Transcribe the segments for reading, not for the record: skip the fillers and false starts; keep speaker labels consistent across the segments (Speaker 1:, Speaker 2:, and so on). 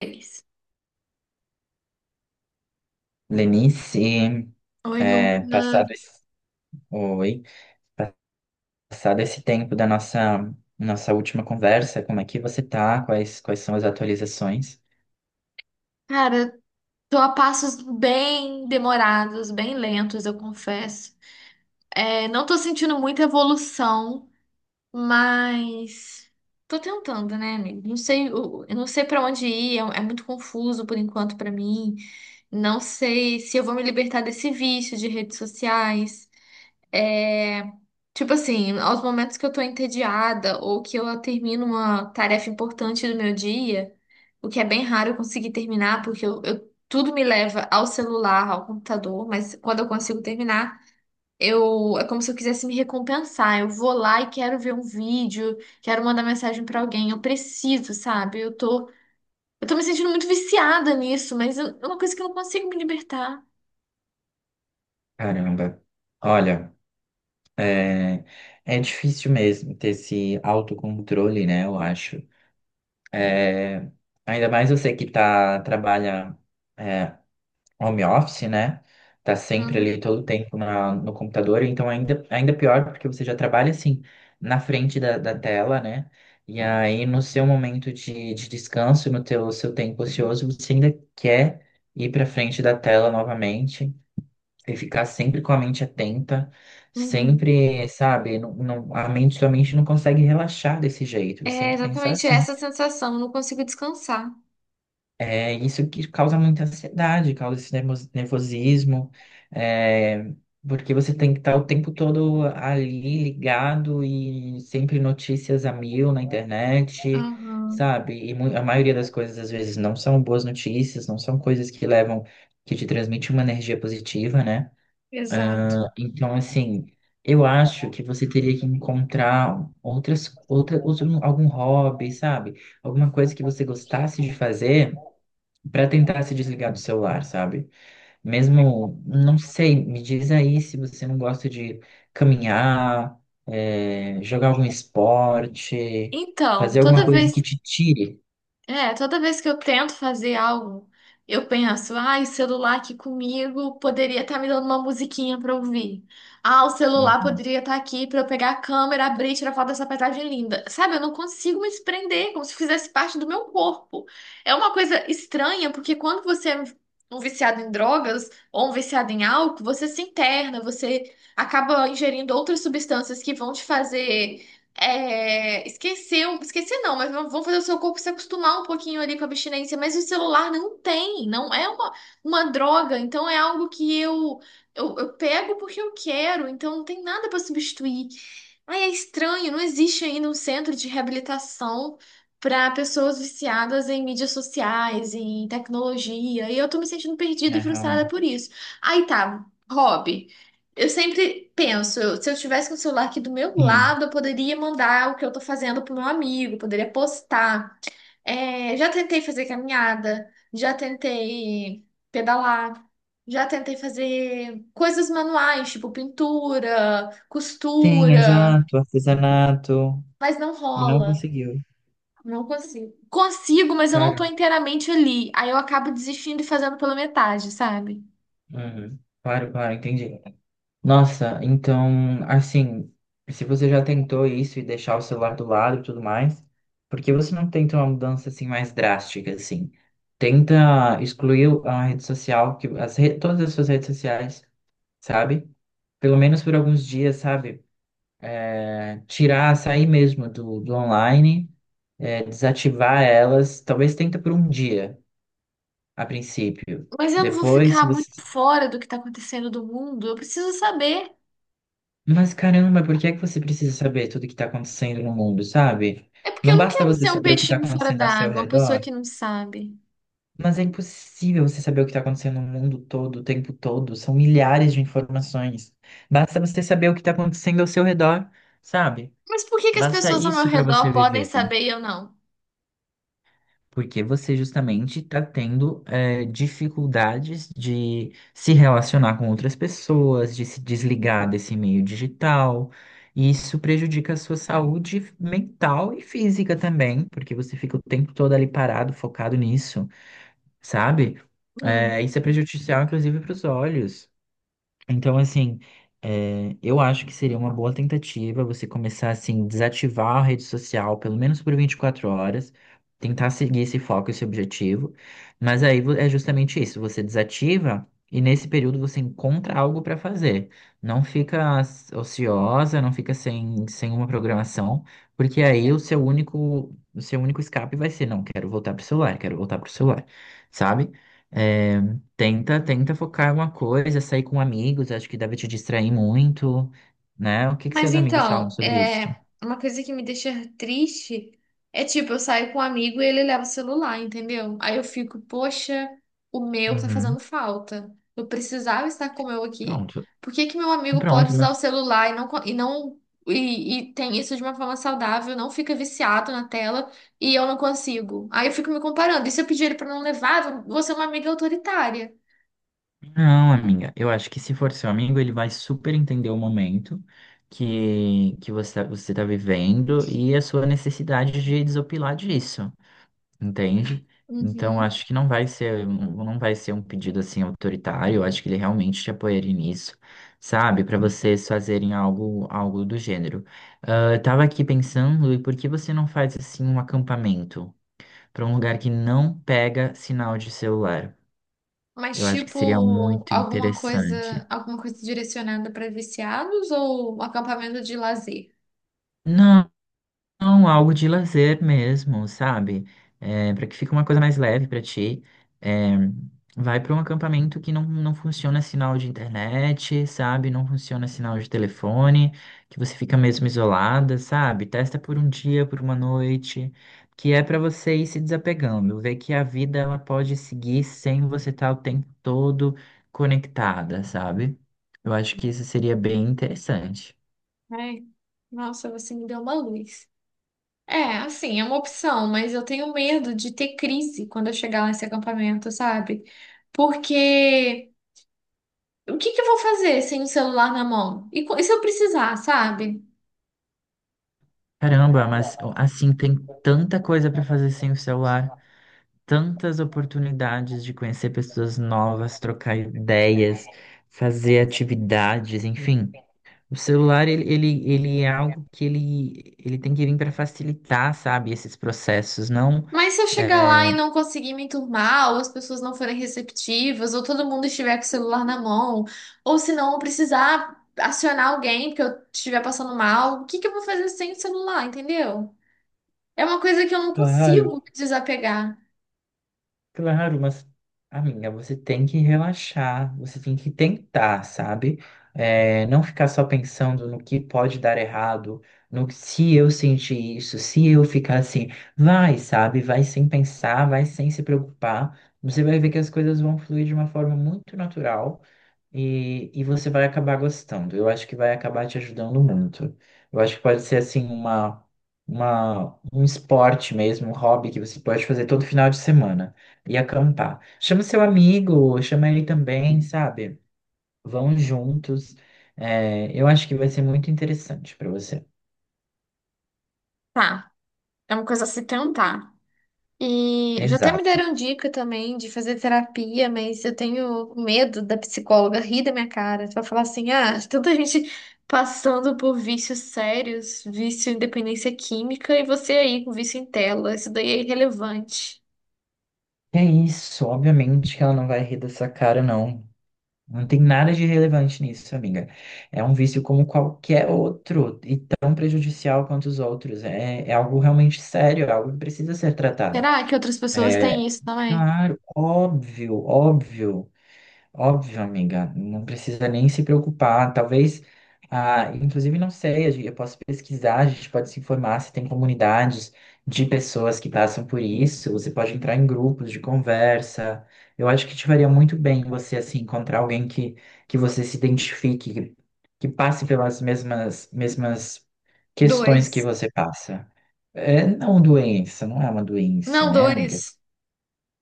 Speaker 1: Eles.
Speaker 2: Lenice,
Speaker 1: Oi,
Speaker 2: é, passado
Speaker 1: Lucas.
Speaker 2: esse, oi, passado esse tempo da nossa última conversa, como é que você tá? Quais são as atualizações?
Speaker 1: Cara, tô a passos bem demorados, bem lentos, eu confesso. É, não tô sentindo muita evolução, mas tô tentando, né, amigo? Não sei, eu não sei pra onde ir, é, é muito confuso por enquanto pra mim. Não sei se eu vou me libertar desse vício de redes sociais. É, tipo assim, aos momentos que eu tô entediada ou que eu termino uma tarefa importante do meu dia, o que é bem raro eu conseguir terminar, porque tudo me leva ao celular, ao computador, mas quando eu consigo terminar, eu, é como se eu quisesse me recompensar. Eu vou lá e quero ver um vídeo, quero mandar mensagem pra alguém, eu preciso, sabe? Eu tô me sentindo muito viciada nisso, mas é uma coisa que eu não consigo me libertar.
Speaker 2: Caramba. Olha, é, é difícil mesmo ter esse autocontrole, né? Eu acho. É, Ainda mais você que tá é, home office, né? Tá sempre
Speaker 1: Uhum.
Speaker 2: ali todo o tempo no computador, então ainda pior, porque você já trabalha assim na frente da tela, né? E aí no seu momento de descanso, no teu, seu tempo ocioso, você ainda quer ir para frente da tela novamente e ficar sempre com a mente atenta,
Speaker 1: Uhum.
Speaker 2: sempre, sabe, sua mente não consegue relaxar desse jeito, você tem
Speaker 1: É
Speaker 2: que pensar
Speaker 1: exatamente
Speaker 2: assim.
Speaker 1: essa sensação, eu não consigo descansar.
Speaker 2: É isso que causa muita ansiedade, causa esse nervosismo, é, porque você tem que estar o tempo todo ali ligado e sempre notícias a mil na internet,
Speaker 1: Aham,
Speaker 2: sabe? A maioria das coisas às vezes não são boas notícias, não são coisas que levam, que te transmitem uma energia positiva, né?
Speaker 1: exato.
Speaker 2: Então, assim, eu acho que você teria que encontrar algum hobby, sabe? Alguma coisa que você gostasse de fazer para tentar se desligar do celular, sabe? Mesmo, não sei, me diz aí se você não gosta de caminhar, é, jogar algum esporte,
Speaker 1: Então,
Speaker 2: fazer alguma
Speaker 1: toda
Speaker 2: coisa que
Speaker 1: vez.
Speaker 2: te tire.
Speaker 1: É, toda vez que eu tento fazer algo, eu penso, ai, o celular aqui comigo poderia estar me dando uma musiquinha pra ouvir. Ah, o
Speaker 2: Hum.
Speaker 1: celular poderia estar aqui pra eu pegar a câmera, abrir e tirar foto dessa paisagem linda. Sabe, eu não consigo me desprender, como se fizesse parte do meu corpo. É uma coisa estranha, porque quando você é um viciado em drogas ou um viciado em álcool, você se interna, você acaba ingerindo outras substâncias que vão te fazer é, esqueceu, esqueci não, mas vão fazer o seu corpo se acostumar um pouquinho ali com a abstinência, mas o celular não tem, não é uma droga, então é algo que eu pego porque eu quero, então não tem nada para substituir. Ai, é estranho, não existe ainda um centro de reabilitação para pessoas viciadas em mídias sociais, em tecnologia, e eu tô me sentindo perdida e
Speaker 2: É,
Speaker 1: frustrada
Speaker 2: realmente.
Speaker 1: por isso. Aí tá, hobby. Eu sempre penso, se eu tivesse com o celular aqui do meu
Speaker 2: Hum.
Speaker 1: lado, eu poderia mandar o que eu tô fazendo pro meu amigo, poderia postar. É, já tentei fazer caminhada, já tentei pedalar, já tentei fazer coisas manuais, tipo pintura,
Speaker 2: Tem,
Speaker 1: costura,
Speaker 2: exato, artesanato.
Speaker 1: mas não
Speaker 2: E não
Speaker 1: rola.
Speaker 2: conseguiu.
Speaker 1: Não consigo. Consigo, mas eu não tô
Speaker 2: Cara,
Speaker 1: inteiramente ali. Aí eu acabo desistindo e fazendo pela metade, sabe?
Speaker 2: uhum. Claro, claro, entendi. Nossa, então, assim, se você já tentou isso e deixar o celular do lado e tudo mais, por que você não tenta uma mudança assim mais drástica, assim? Tenta excluir a rede social, todas as suas redes sociais, sabe? Pelo menos por alguns dias, sabe? Sair mesmo do online, desativar elas, talvez tenta por um dia, a princípio.
Speaker 1: Mas eu não vou
Speaker 2: Depois,
Speaker 1: ficar
Speaker 2: se
Speaker 1: muito
Speaker 2: você.
Speaker 1: fora do que tá acontecendo do mundo. Eu preciso saber.
Speaker 2: Mas caramba, por que é que você precisa saber tudo que está acontecendo no mundo, sabe?
Speaker 1: É porque
Speaker 2: Não
Speaker 1: eu não
Speaker 2: basta
Speaker 1: quero
Speaker 2: você
Speaker 1: ser um
Speaker 2: saber o que está
Speaker 1: peixinho fora
Speaker 2: acontecendo ao seu
Speaker 1: d'água, uma pessoa
Speaker 2: redor,
Speaker 1: que não sabe.
Speaker 2: mas é impossível você saber o que está acontecendo no mundo todo, o tempo todo. São milhares de informações. Basta você saber o que está acontecendo ao seu redor, sabe?
Speaker 1: Mas por que que as
Speaker 2: Basta
Speaker 1: pessoas ao meu
Speaker 2: isso para você
Speaker 1: redor podem
Speaker 2: viver.
Speaker 1: saber e eu não?
Speaker 2: Porque você justamente está tendo dificuldades de se relacionar com outras pessoas, de se desligar desse meio digital. E isso prejudica a sua saúde mental e física também, porque você fica o tempo todo ali parado, focado nisso, sabe?
Speaker 1: Hum.
Speaker 2: Isso é prejudicial, inclusive, para os olhos. Então, assim, é, eu acho que seria uma boa tentativa você começar, assim, desativar a rede social, pelo menos por 24 horas, tentar seguir esse foco, esse objetivo. Mas aí é justamente isso, você desativa e nesse período você encontra algo para fazer. Não fica ociosa, não fica sem uma programação, porque aí o seu único escape vai ser: não, quero voltar pro celular, quero voltar pro celular, sabe? Eh, tenta focar em uma coisa, sair com amigos, acho que deve te distrair muito, né? O que que
Speaker 1: Mas
Speaker 2: seus amigos falam
Speaker 1: então,
Speaker 2: sobre isso?
Speaker 1: é uma coisa que me deixa triste, é tipo, eu saio com um amigo e ele leva o celular, entendeu? Aí eu fico, poxa, o meu tá
Speaker 2: Uhum,
Speaker 1: fazendo falta. Eu precisava estar com o meu aqui.
Speaker 2: pronto.
Speaker 1: Por que que meu
Speaker 2: Então,
Speaker 1: amigo pode
Speaker 2: pronto,
Speaker 1: usar
Speaker 2: mas
Speaker 1: o celular e não e, e tem isso de uma forma saudável, não fica viciado na tela e eu não consigo? Aí eu fico me comparando. E se eu pedir ele pra não levar, eu vou ser uma amiga autoritária.
Speaker 2: não, amiga. Eu acho que se for seu amigo, ele vai super entender o momento que você tá vivendo e a sua necessidade de desopilar disso. Entende? Então
Speaker 1: Uhum.
Speaker 2: acho que não vai ser um pedido assim autoritário, eu acho que ele realmente te apoiaria nisso, sabe? Para vocês fazerem algo do gênero. Ah, eu tava aqui pensando, e por que você não faz assim um acampamento para um lugar que não pega sinal de celular?
Speaker 1: Mas
Speaker 2: Eu acho que seria
Speaker 1: tipo
Speaker 2: muito interessante.
Speaker 1: alguma coisa direcionada para viciados ou um acampamento de lazer?
Speaker 2: Não. Não, algo de lazer mesmo, sabe? É, para que fique uma coisa mais leve para ti. É, vai para um acampamento que não funciona sinal de internet, sabe? Não funciona sinal de telefone, que você fica mesmo isolada, sabe? Testa por um dia, por uma noite, que é para você ir se desapegando, ver que a vida ela pode seguir sem você estar o tempo todo conectada, sabe? Eu acho que isso seria bem interessante.
Speaker 1: Ai, nossa, você me deu uma luz. É, assim, é uma opção, mas eu tenho medo de ter crise quando eu chegar lá nesse acampamento, sabe? Porque o que que eu vou fazer sem o celular na mão? E se eu precisar, sabe?
Speaker 2: Caramba, mas ó, assim tem tanta coisa para fazer sem o celular, tantas oportunidades de conhecer pessoas novas, trocar ideias, fazer atividades, enfim. O celular ele é algo que ele tem que vir para facilitar, sabe, esses processos, não.
Speaker 1: Mas se eu chegar lá e não conseguir me enturmar, ou as pessoas não forem receptivas, ou todo mundo estiver com o celular na mão, ou se não eu precisar acionar alguém porque eu estiver passando mal, o que que eu vou fazer sem o celular, entendeu? É uma coisa que eu não
Speaker 2: Claro.
Speaker 1: consigo me desapegar.
Speaker 2: Claro, mas, amiga, você tem que relaxar, você tem que tentar, sabe? É, não ficar só pensando no que pode dar errado, no que se eu sentir isso, se eu ficar assim, vai, sabe? Vai sem pensar, vai sem se preocupar. Você vai ver que as coisas vão fluir de uma forma muito natural. E você vai acabar gostando. Eu acho que vai acabar te ajudando muito. Eu acho que pode ser assim um esporte mesmo, um hobby que você pode fazer todo final de semana e acampar. Chama seu amigo, chama ele também, sabe? Vão juntos. É, eu acho que vai ser muito interessante para você.
Speaker 1: Tá, é uma coisa a se tentar. E já até me
Speaker 2: Exato.
Speaker 1: deram dica também de fazer terapia, mas eu tenho medo da psicóloga rir da minha cara. Vai falar assim: ah, tanta gente passando por vícios sérios, vício em dependência química, e você aí com vício em tela. Isso daí é irrelevante.
Speaker 2: É isso, obviamente que ela não vai rir dessa cara, não. Não tem nada de relevante nisso, amiga. É um vício como qualquer outro e tão prejudicial quanto os outros. É algo realmente sério, é algo que precisa ser tratado.
Speaker 1: Será que outras pessoas
Speaker 2: É,
Speaker 1: têm isso também?
Speaker 2: claro, óbvio, óbvio. Óbvio, amiga, não precisa nem se preocupar. Talvez, ah, inclusive, não sei, eu posso pesquisar, a gente pode se informar se tem comunidades de pessoas que passam por isso. Você pode entrar em grupos de conversa. Eu acho que te faria muito bem você, assim, encontrar alguém que você se identifique, que passe pelas mesmas questões que
Speaker 1: Dois.
Speaker 2: você passa. Não é uma doença,
Speaker 1: Não,
Speaker 2: né, amiga?
Speaker 1: dores.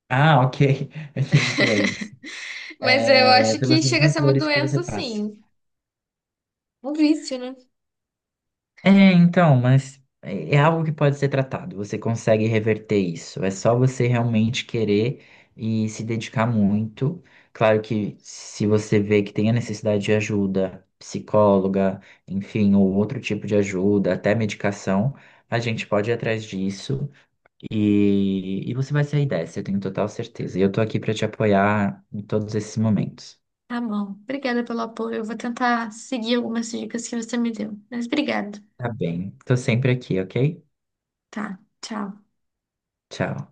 Speaker 2: Ah, ok, eu entendi doença.
Speaker 1: Mas eu acho que
Speaker 2: Pelas
Speaker 1: chega a
Speaker 2: mesmas
Speaker 1: ser uma
Speaker 2: dores que você
Speaker 1: doença,
Speaker 2: passa.
Speaker 1: sim. Um vício, né?
Speaker 2: É, então, mas é algo que pode ser tratado. Você consegue reverter isso. É só você realmente querer e se dedicar muito. Claro que se você vê que tem a necessidade de ajuda, psicóloga, enfim, ou outro tipo de ajuda, até medicação, a gente pode ir atrás disso e você vai sair dessa, eu tenho total certeza. E eu tô aqui para te apoiar em todos esses momentos.
Speaker 1: Tá bom. Obrigada pelo apoio. Eu vou tentar seguir algumas dicas que você me deu. Mas obrigado.
Speaker 2: Tá bem, tô sempre aqui, ok?
Speaker 1: Tá. Tchau.
Speaker 2: Tchau.